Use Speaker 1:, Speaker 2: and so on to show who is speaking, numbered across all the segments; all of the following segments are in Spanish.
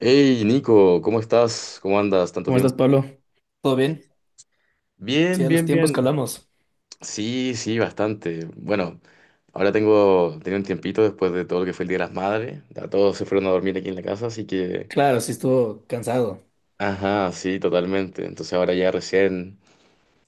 Speaker 1: Hey Nico, ¿cómo estás? ¿Cómo andas? ¿Tanto
Speaker 2: ¿Cómo estás,
Speaker 1: tiempo?
Speaker 2: Pablo? ¿Todo bien? Sí,
Speaker 1: Bien,
Speaker 2: a los
Speaker 1: bien,
Speaker 2: tiempos
Speaker 1: bien.
Speaker 2: que hablamos.
Speaker 1: Sí, sí, bastante. Bueno, tenía un tiempito después de todo lo que fue el Día de las Madres. Ya todos se fueron a dormir aquí en la casa, así que...
Speaker 2: Claro, sí estuvo cansado.
Speaker 1: Ajá, sí, totalmente. Entonces ahora ya recién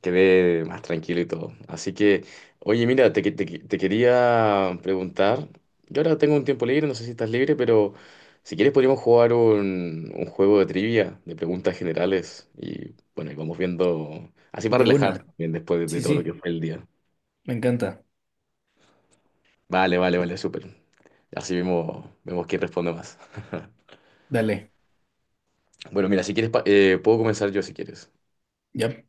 Speaker 1: quedé más tranquilo y todo. Así que, oye, mira, te quería preguntar. Yo ahora tengo un tiempo libre, no sé si estás libre, pero si quieres podríamos jugar un juego de trivia, de preguntas generales. Y bueno, y vamos viendo, así para
Speaker 2: De
Speaker 1: relajarse
Speaker 2: una.
Speaker 1: también después de
Speaker 2: Sí,
Speaker 1: todo lo que
Speaker 2: sí,
Speaker 1: fue el día.
Speaker 2: me encanta.
Speaker 1: Vale, vale, vale, súper. Así vemos, vemos quién responde más.
Speaker 2: Dale.
Speaker 1: Bueno, mira, si quieres, puedo comenzar yo si quieres.
Speaker 2: Ya.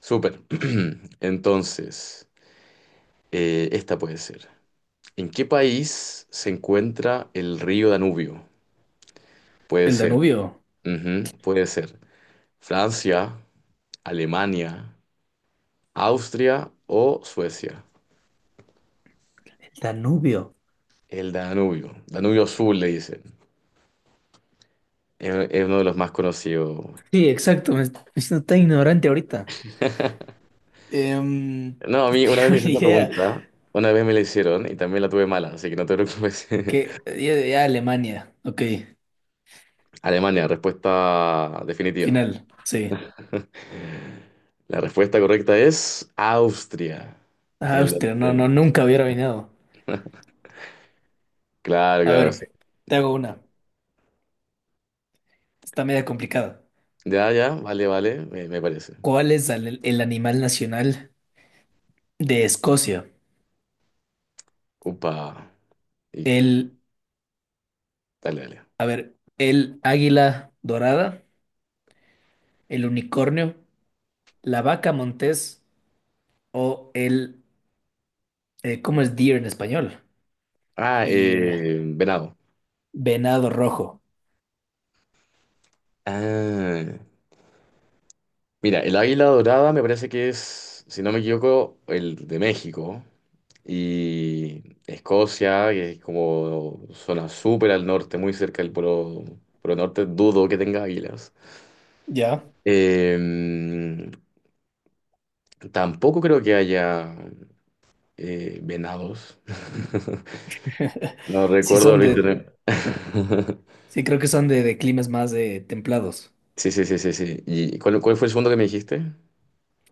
Speaker 1: Súper. Entonces, esta puede ser. ¿En qué país se encuentra el río Danubio? Puede
Speaker 2: El
Speaker 1: ser,
Speaker 2: Danubio.
Speaker 1: ujú, puede ser Francia, Alemania, Austria o Suecia.
Speaker 2: El Danubio.
Speaker 1: El Danubio, Danubio Azul le dicen. Es uno de los más conocidos.
Speaker 2: Sí, exacto. Me estoy siendo tan ignorante ahorita. Em,
Speaker 1: No, a
Speaker 2: no
Speaker 1: mí una vez
Speaker 2: tengo
Speaker 1: me
Speaker 2: ni
Speaker 1: hicieron esta
Speaker 2: idea.
Speaker 1: pregunta, una vez me la hicieron y también la tuve mala, así que no te preocupes.
Speaker 2: Que ya, ya Alemania. Ok.
Speaker 1: Alemania, respuesta definitiva.
Speaker 2: Final. Sí.
Speaker 1: La respuesta correcta es Austria. El
Speaker 2: Austria. No, no,
Speaker 1: Danubio.
Speaker 2: nunca hubiera venido.
Speaker 1: Claro,
Speaker 2: A
Speaker 1: claro, sí.
Speaker 2: ver, te hago una. Está media complicada.
Speaker 1: Ya, ya, vale, vale, me parece.
Speaker 2: ¿Cuál es el animal nacional de Escocia?
Speaker 1: Upa. Y
Speaker 2: El
Speaker 1: dale, dale.
Speaker 2: A ver, el águila dorada, el unicornio, la vaca montés o el, ¿cómo es deer en español?
Speaker 1: Ah,
Speaker 2: Deer,
Speaker 1: venado.
Speaker 2: venado rojo.
Speaker 1: Ah, mira, el águila dorada me parece que es, si no me equivoco, el de México. Y Escocia, que es como zona súper al norte, muy cerca del polo, polo norte, dudo que tenga águilas.
Speaker 2: Ya.
Speaker 1: Eh, Tampoco creo que haya venados. No
Speaker 2: Sí
Speaker 1: recuerdo
Speaker 2: son de,
Speaker 1: ahorita.
Speaker 2: sí creo que son de climas más templados.
Speaker 1: Sí, sí, sí, sí, sí. ¿Y cuál, cuál fue el segundo que me dijiste?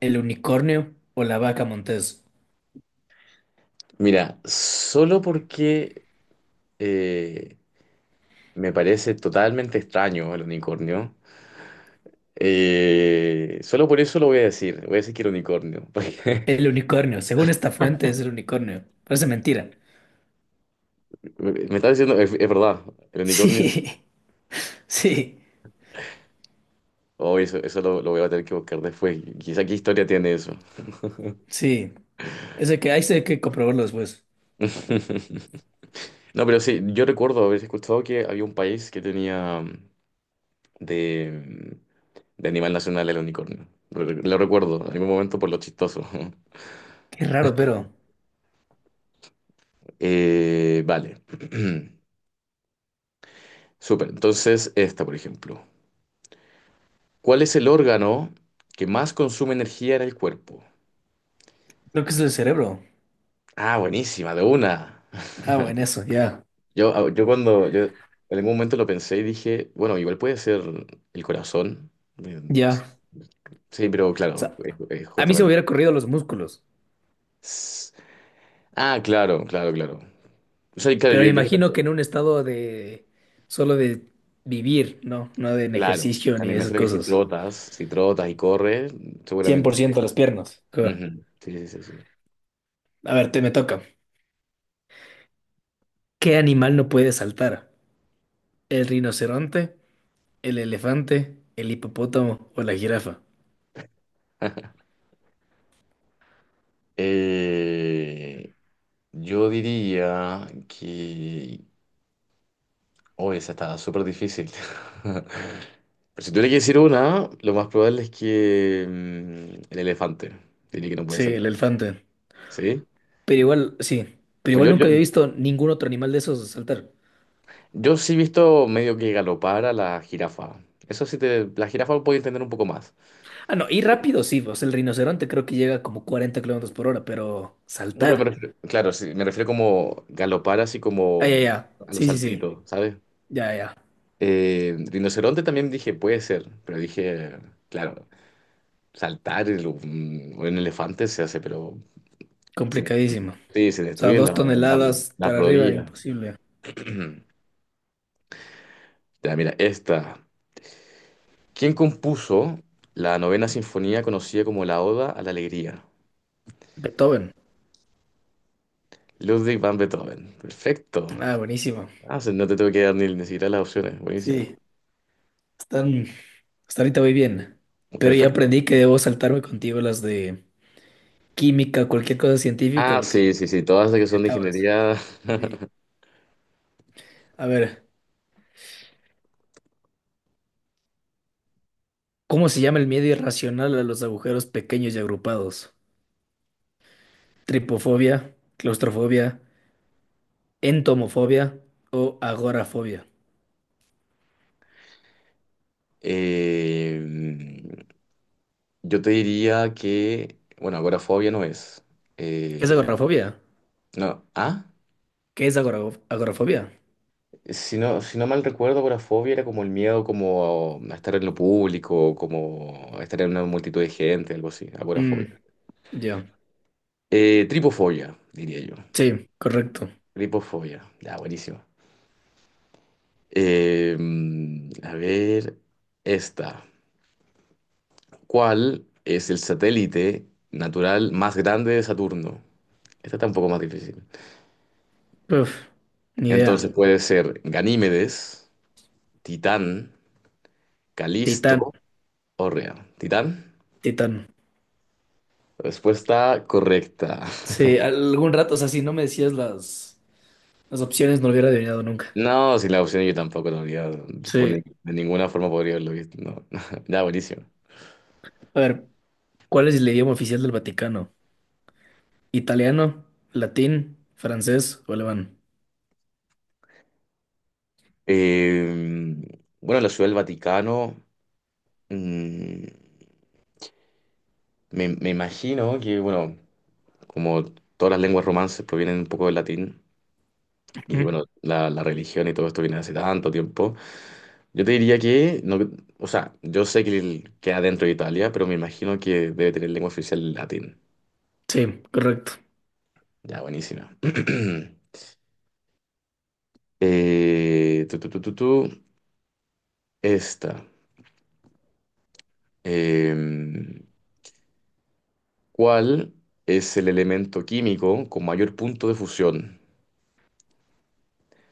Speaker 2: El unicornio o la vaca montés.
Speaker 1: Mira, solo porque eh, me parece totalmente extraño el unicornio. Solo por eso lo voy a decir. Voy a decir que el unicornio.
Speaker 2: El unicornio, según esta fuente es el unicornio. Parece mentira.
Speaker 1: Porque me está diciendo, es verdad, el unicornio.
Speaker 2: Sí, sí,
Speaker 1: Oh, eso lo voy a tener que buscar después. Quizá qué historia tiene eso.
Speaker 2: sí. Ese que hay que comprobarlo después.
Speaker 1: No, pero sí, yo recuerdo haber escuchado que había un país que tenía de, de animal nacional el unicornio. Re- Lo recuerdo en algún momento por lo chistoso.
Speaker 2: Qué raro, pero
Speaker 1: Vale. Súper. Entonces, esta, por ejemplo. ¿Cuál es el órgano que más consume energía en el cuerpo?
Speaker 2: creo que es el cerebro.
Speaker 1: Ah, buenísima, de una.
Speaker 2: Ah, bueno, eso, ya.
Speaker 1: Yo, ah, yo cuando, yo en algún momento lo pensé y dije, bueno, igual puede ser el corazón. Eh,
Speaker 2: Ya.
Speaker 1: Sí, pero
Speaker 2: O
Speaker 1: claro,
Speaker 2: sea, a mí se me
Speaker 1: justamente.
Speaker 2: hubiera corrido los músculos,
Speaker 1: S- Ah, claro, claro, claro. O sea, claro,
Speaker 2: pero me
Speaker 1: yo,
Speaker 2: imagino que en un estado de solo de vivir, ¿no? No de en
Speaker 1: claro, o
Speaker 2: ejercicio
Speaker 1: sea,
Speaker 2: ni
Speaker 1: me
Speaker 2: de esas
Speaker 1: imagino que si
Speaker 2: cosas.
Speaker 1: trotas, si trotas y corres, seguramente sí.
Speaker 2: 100% las piernas. Ah,
Speaker 1: Ujú, sí, sí, sí, sí.
Speaker 2: a ver, te me toca. ¿Qué animal no puede saltar? ¿El rinoceronte, el elefante, el hipopótamo o la jirafa?
Speaker 1: Eh, yo diría que... Oh, esa está súper difícil. Pero si tuviera que decir una, lo más probable es que el elefante. Diría que no puede
Speaker 2: Sí, el
Speaker 1: saltar.
Speaker 2: elefante.
Speaker 1: ¿Sí?
Speaker 2: Pero igual, sí. Pero
Speaker 1: Pues
Speaker 2: igual nunca había visto ningún otro animal de esos saltar.
Speaker 1: yo sí he visto medio que galopar a la jirafa. Eso sí te... La jirafa lo puedo entender un poco más.
Speaker 2: Ah, no, y rápido sí, o sea, el rinoceronte creo que llega como 40 kilómetros por hora, pero
Speaker 1: No, pero me
Speaker 2: saltar.
Speaker 1: refiero- claro, sí, me refiero como galopar así
Speaker 2: Ah, ya,
Speaker 1: como
Speaker 2: ya.
Speaker 1: a los
Speaker 2: Sí, sí, sí.
Speaker 1: saltitos, ¿sabes?
Speaker 2: Ya, ya.
Speaker 1: Rinoceronte también dije, puede ser, pero dije, claro, saltar el- un elefante se hace, pero se,
Speaker 2: Complicadísimo. O
Speaker 1: sí, se
Speaker 2: sea,
Speaker 1: destruye
Speaker 2: dos toneladas
Speaker 1: las
Speaker 2: para arriba,
Speaker 1: rodillas.
Speaker 2: imposible.
Speaker 1: Ya, mira, esta. ¿Quién compuso la novena sinfonía conocida como la Oda a la Alegría?
Speaker 2: Beethoven.
Speaker 1: Ludwig van Beethoven. Perfecto.
Speaker 2: Ah, buenísimo.
Speaker 1: Ah, o sea, no te tengo que dar ni, ni siquiera las opciones. Buenísima.
Speaker 2: Sí, están, hasta ahorita voy bien. Pero ya
Speaker 1: Perfecto.
Speaker 2: aprendí que debo saltarme contigo las de química, cualquier cosa científica,
Speaker 1: Ah,
Speaker 2: porque
Speaker 1: sí, sí, sí, todas las que
Speaker 2: me
Speaker 1: son de
Speaker 2: acabas.
Speaker 1: ingeniería.
Speaker 2: Sí. A ver, ¿cómo se llama el miedo irracional a los agujeros pequeños y agrupados? ¿Tripofobia, claustrofobia, entomofobia o agorafobia?
Speaker 1: Eh, yo te diría que, bueno, agorafobia no es.
Speaker 2: ¿Qué es
Speaker 1: Eh,
Speaker 2: agorafobia?
Speaker 1: no, ah,
Speaker 2: ¿Qué es agorafobia?
Speaker 1: si no, si no mal recuerdo, agorafobia era como el miedo como a estar en lo público, como a estar en una multitud de gente, algo así, agorafobia.
Speaker 2: Mm, ya.
Speaker 1: Tripofobia, diría yo.
Speaker 2: Sí, correcto.
Speaker 1: Tripofobia, ya, buenísimo. Eh, a ver, esta. ¿Cuál es el satélite natural más grande de Saturno? Esta está un poco más difícil.
Speaker 2: Uf, ni idea.
Speaker 1: Entonces puede ser Ganímedes, Titán,
Speaker 2: Titán.
Speaker 1: Calisto o Rea. ¿Titán?
Speaker 2: Titán.
Speaker 1: Respuesta correcta.
Speaker 2: Sí, algún rato, o sea, si no me decías las opciones, no lo hubiera adivinado nunca.
Speaker 1: No, sin la opción yo tampoco lo habría, por ni-
Speaker 2: Sí.
Speaker 1: de ninguna forma podría haberlo visto. No. Ya, buenísimo.
Speaker 2: A ver, ¿cuál es el idioma oficial del Vaticano? ¿Italiano, latín, francés o alemán?
Speaker 1: Eh, bueno, la Ciudad del Vaticano, mm, me, me imagino que, bueno, como todas las lenguas romances provienen un poco del latín, y
Speaker 2: Ujú.
Speaker 1: bueno, la religión y todo esto viene hace tanto tiempo. Yo te diría que, no, o sea, yo sé que el- queda dentro de Italia, pero me imagino que debe tener lengua oficial latín.
Speaker 2: Sí, correcto.
Speaker 1: Ya, buenísima. Eh, tu, tu, tu, tu, tu, esta. Em, ¿cuál es el elemento químico con mayor punto de fusión?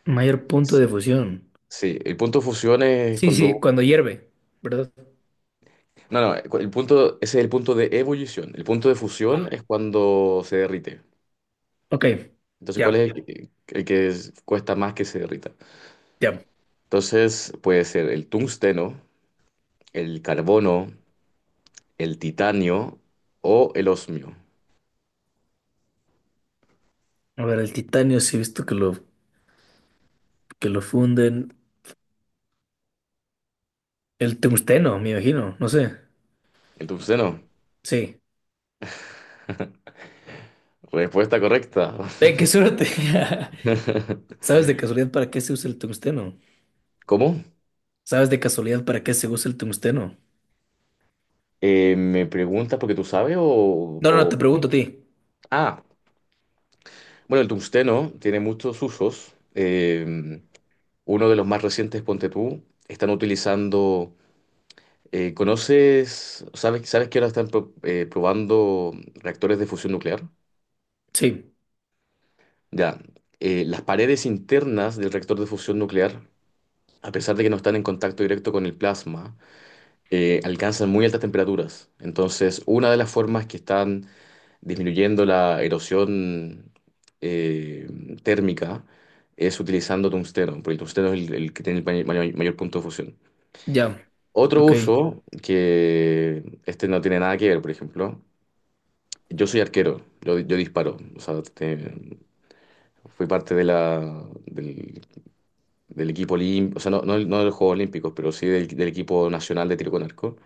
Speaker 2: Mayor punto
Speaker 1: Es-
Speaker 2: de fusión.
Speaker 1: sí, el punto de fusión es
Speaker 2: Sí, sí,
Speaker 1: cuando...
Speaker 2: cuando hierve, ¿verdad?
Speaker 1: No, no, el punto, ese es el punto de ebullición. El punto de fusión
Speaker 2: Ah,
Speaker 1: es cuando se derrite.
Speaker 2: ok,
Speaker 1: Entonces, ¿cuál
Speaker 2: ya,
Speaker 1: es el que es- cuesta más que se derrita?
Speaker 2: ya.
Speaker 1: Entonces, puede ser el tungsteno, el carbono, el titanio o el osmio.
Speaker 2: A ver, el titanio sí he visto que lo, funden. El tungsteno, me imagino, no sé.
Speaker 1: El tungsteno.
Speaker 2: Sí.
Speaker 1: Respuesta correcta.
Speaker 2: Ve, qué suerte. ¿Sabes de casualidad para qué se usa el tungsteno?
Speaker 1: ¿Cómo?
Speaker 2: ¿Sabes de casualidad para qué se usa el tungsteno?
Speaker 1: ¿Me preguntas porque tú sabes
Speaker 2: No, no, no, te
Speaker 1: o-
Speaker 2: pregunto a ti.
Speaker 1: ah, bueno, el tungsteno tiene muchos usos. Uno de los más recientes, ponte tú, están utilizando... ¿conoces, sabes, sabes que ahora están probando reactores de fusión nuclear?
Speaker 2: Sí,
Speaker 1: Ya, las paredes internas del reactor de fusión nuclear, a pesar de que no están en contacto directo con el plasma, alcanzan muy altas temperaturas. Entonces, una de las formas que están disminuyendo la erosión eh, térmica es utilizando tungsteno, porque el tungsteno es el que tiene el mayor punto de fusión.
Speaker 2: ya,
Speaker 1: Otro
Speaker 2: ok.
Speaker 1: uso, que este no tiene nada que ver, por ejemplo, yo soy arquero, yo disparo, o sea, te- fui parte de del equipo olímpico, o sea, no, no, no de los Juegos Olímpicos, pero sí del, del equipo nacional de tiro con arco.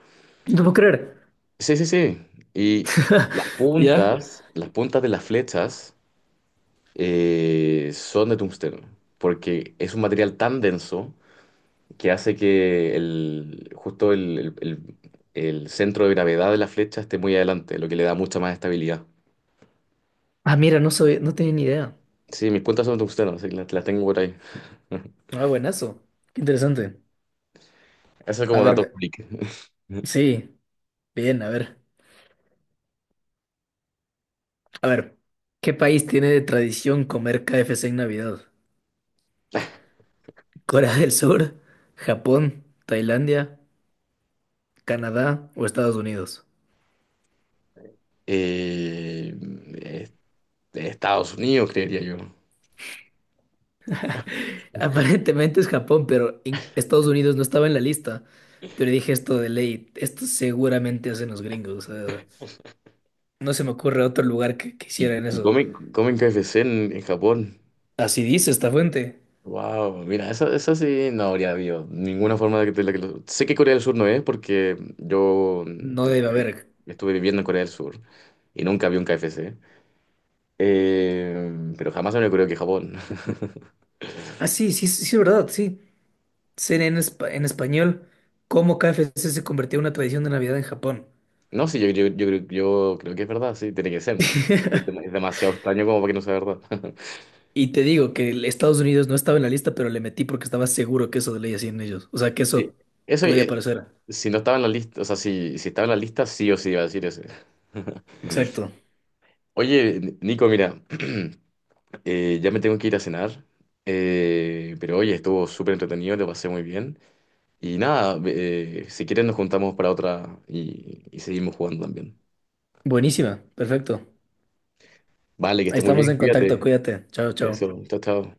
Speaker 2: No puedo creer.
Speaker 1: Sí, sí, sí. Y
Speaker 2: ¿Ya?
Speaker 1: las puntas de las flechas son de tungsteno, porque es un material tan denso que hace que el, justo el centro de gravedad de la flecha esté muy adelante, lo que le da mucha más estabilidad.
Speaker 2: Ah, mira, no tenía ni idea.
Speaker 1: Sí, mis puntas son de tungsteno, así que las tengo por ahí.
Speaker 2: Ah, buenazo. Qué interesante.
Speaker 1: Eso es
Speaker 2: A
Speaker 1: como
Speaker 2: ver,
Speaker 1: dato público.
Speaker 2: sí, bien, a ver. A ver, ¿qué país tiene de tradición comer KFC en Navidad? ¿Corea del Sur, Japón, Tailandia, Canadá o Estados Unidos?
Speaker 1: Eh, de Estados Unidos, creería yo.
Speaker 2: Aparentemente es Japón, pero Estados Unidos no estaba en la lista. Pero dije esto de ley, esto seguramente hacen los gringos. O sea, no se me ocurre otro lugar que hicieran
Speaker 1: Y
Speaker 2: eso.
Speaker 1: comen, comen KFC en Japón.
Speaker 2: Así dice esta fuente.
Speaker 1: Wow, mira, esa sí no habría habido ninguna forma de que, de la que lo- Sé que Corea del Sur no es porque yo
Speaker 2: No debe
Speaker 1: estuve,
Speaker 2: haber.
Speaker 1: estuve viviendo en Corea del Sur y nunca vi un KFC. Pero jamás me ocurrió que Japón.
Speaker 2: Ah, sí, sí, sí, sí, verdad, sí. CNN en, en español, cómo KFC se convirtió en una tradición de Navidad en Japón.
Speaker 1: No, sí, yo creo que es verdad, sí, tiene que ser, ¿no? Es dem- es demasiado extraño como para que no sea verdad.
Speaker 2: Y te digo que el Estados Unidos no estaba en la lista, pero le metí porque estaba seguro que eso de ley hacían ellos. O sea, que
Speaker 1: Sí,
Speaker 2: eso
Speaker 1: eso,
Speaker 2: podría parecer.
Speaker 1: si no estaba en la lista, o sea, si, si estaba en la lista, sí o sí iba a decir eso.
Speaker 2: Exacto.
Speaker 1: Oye, N- Nico, mira, ya me tengo que ir a cenar, pero oye, estuvo súper entretenido, te pasé muy bien. Y nada, si quieres nos juntamos para otra y seguimos jugando también.
Speaker 2: Buenísima, perfecto.
Speaker 1: Vale, que estés muy
Speaker 2: Estamos
Speaker 1: bien,
Speaker 2: en contacto,
Speaker 1: cuídate.
Speaker 2: cuídate. Chao, chao.
Speaker 1: Eso, chao, chao.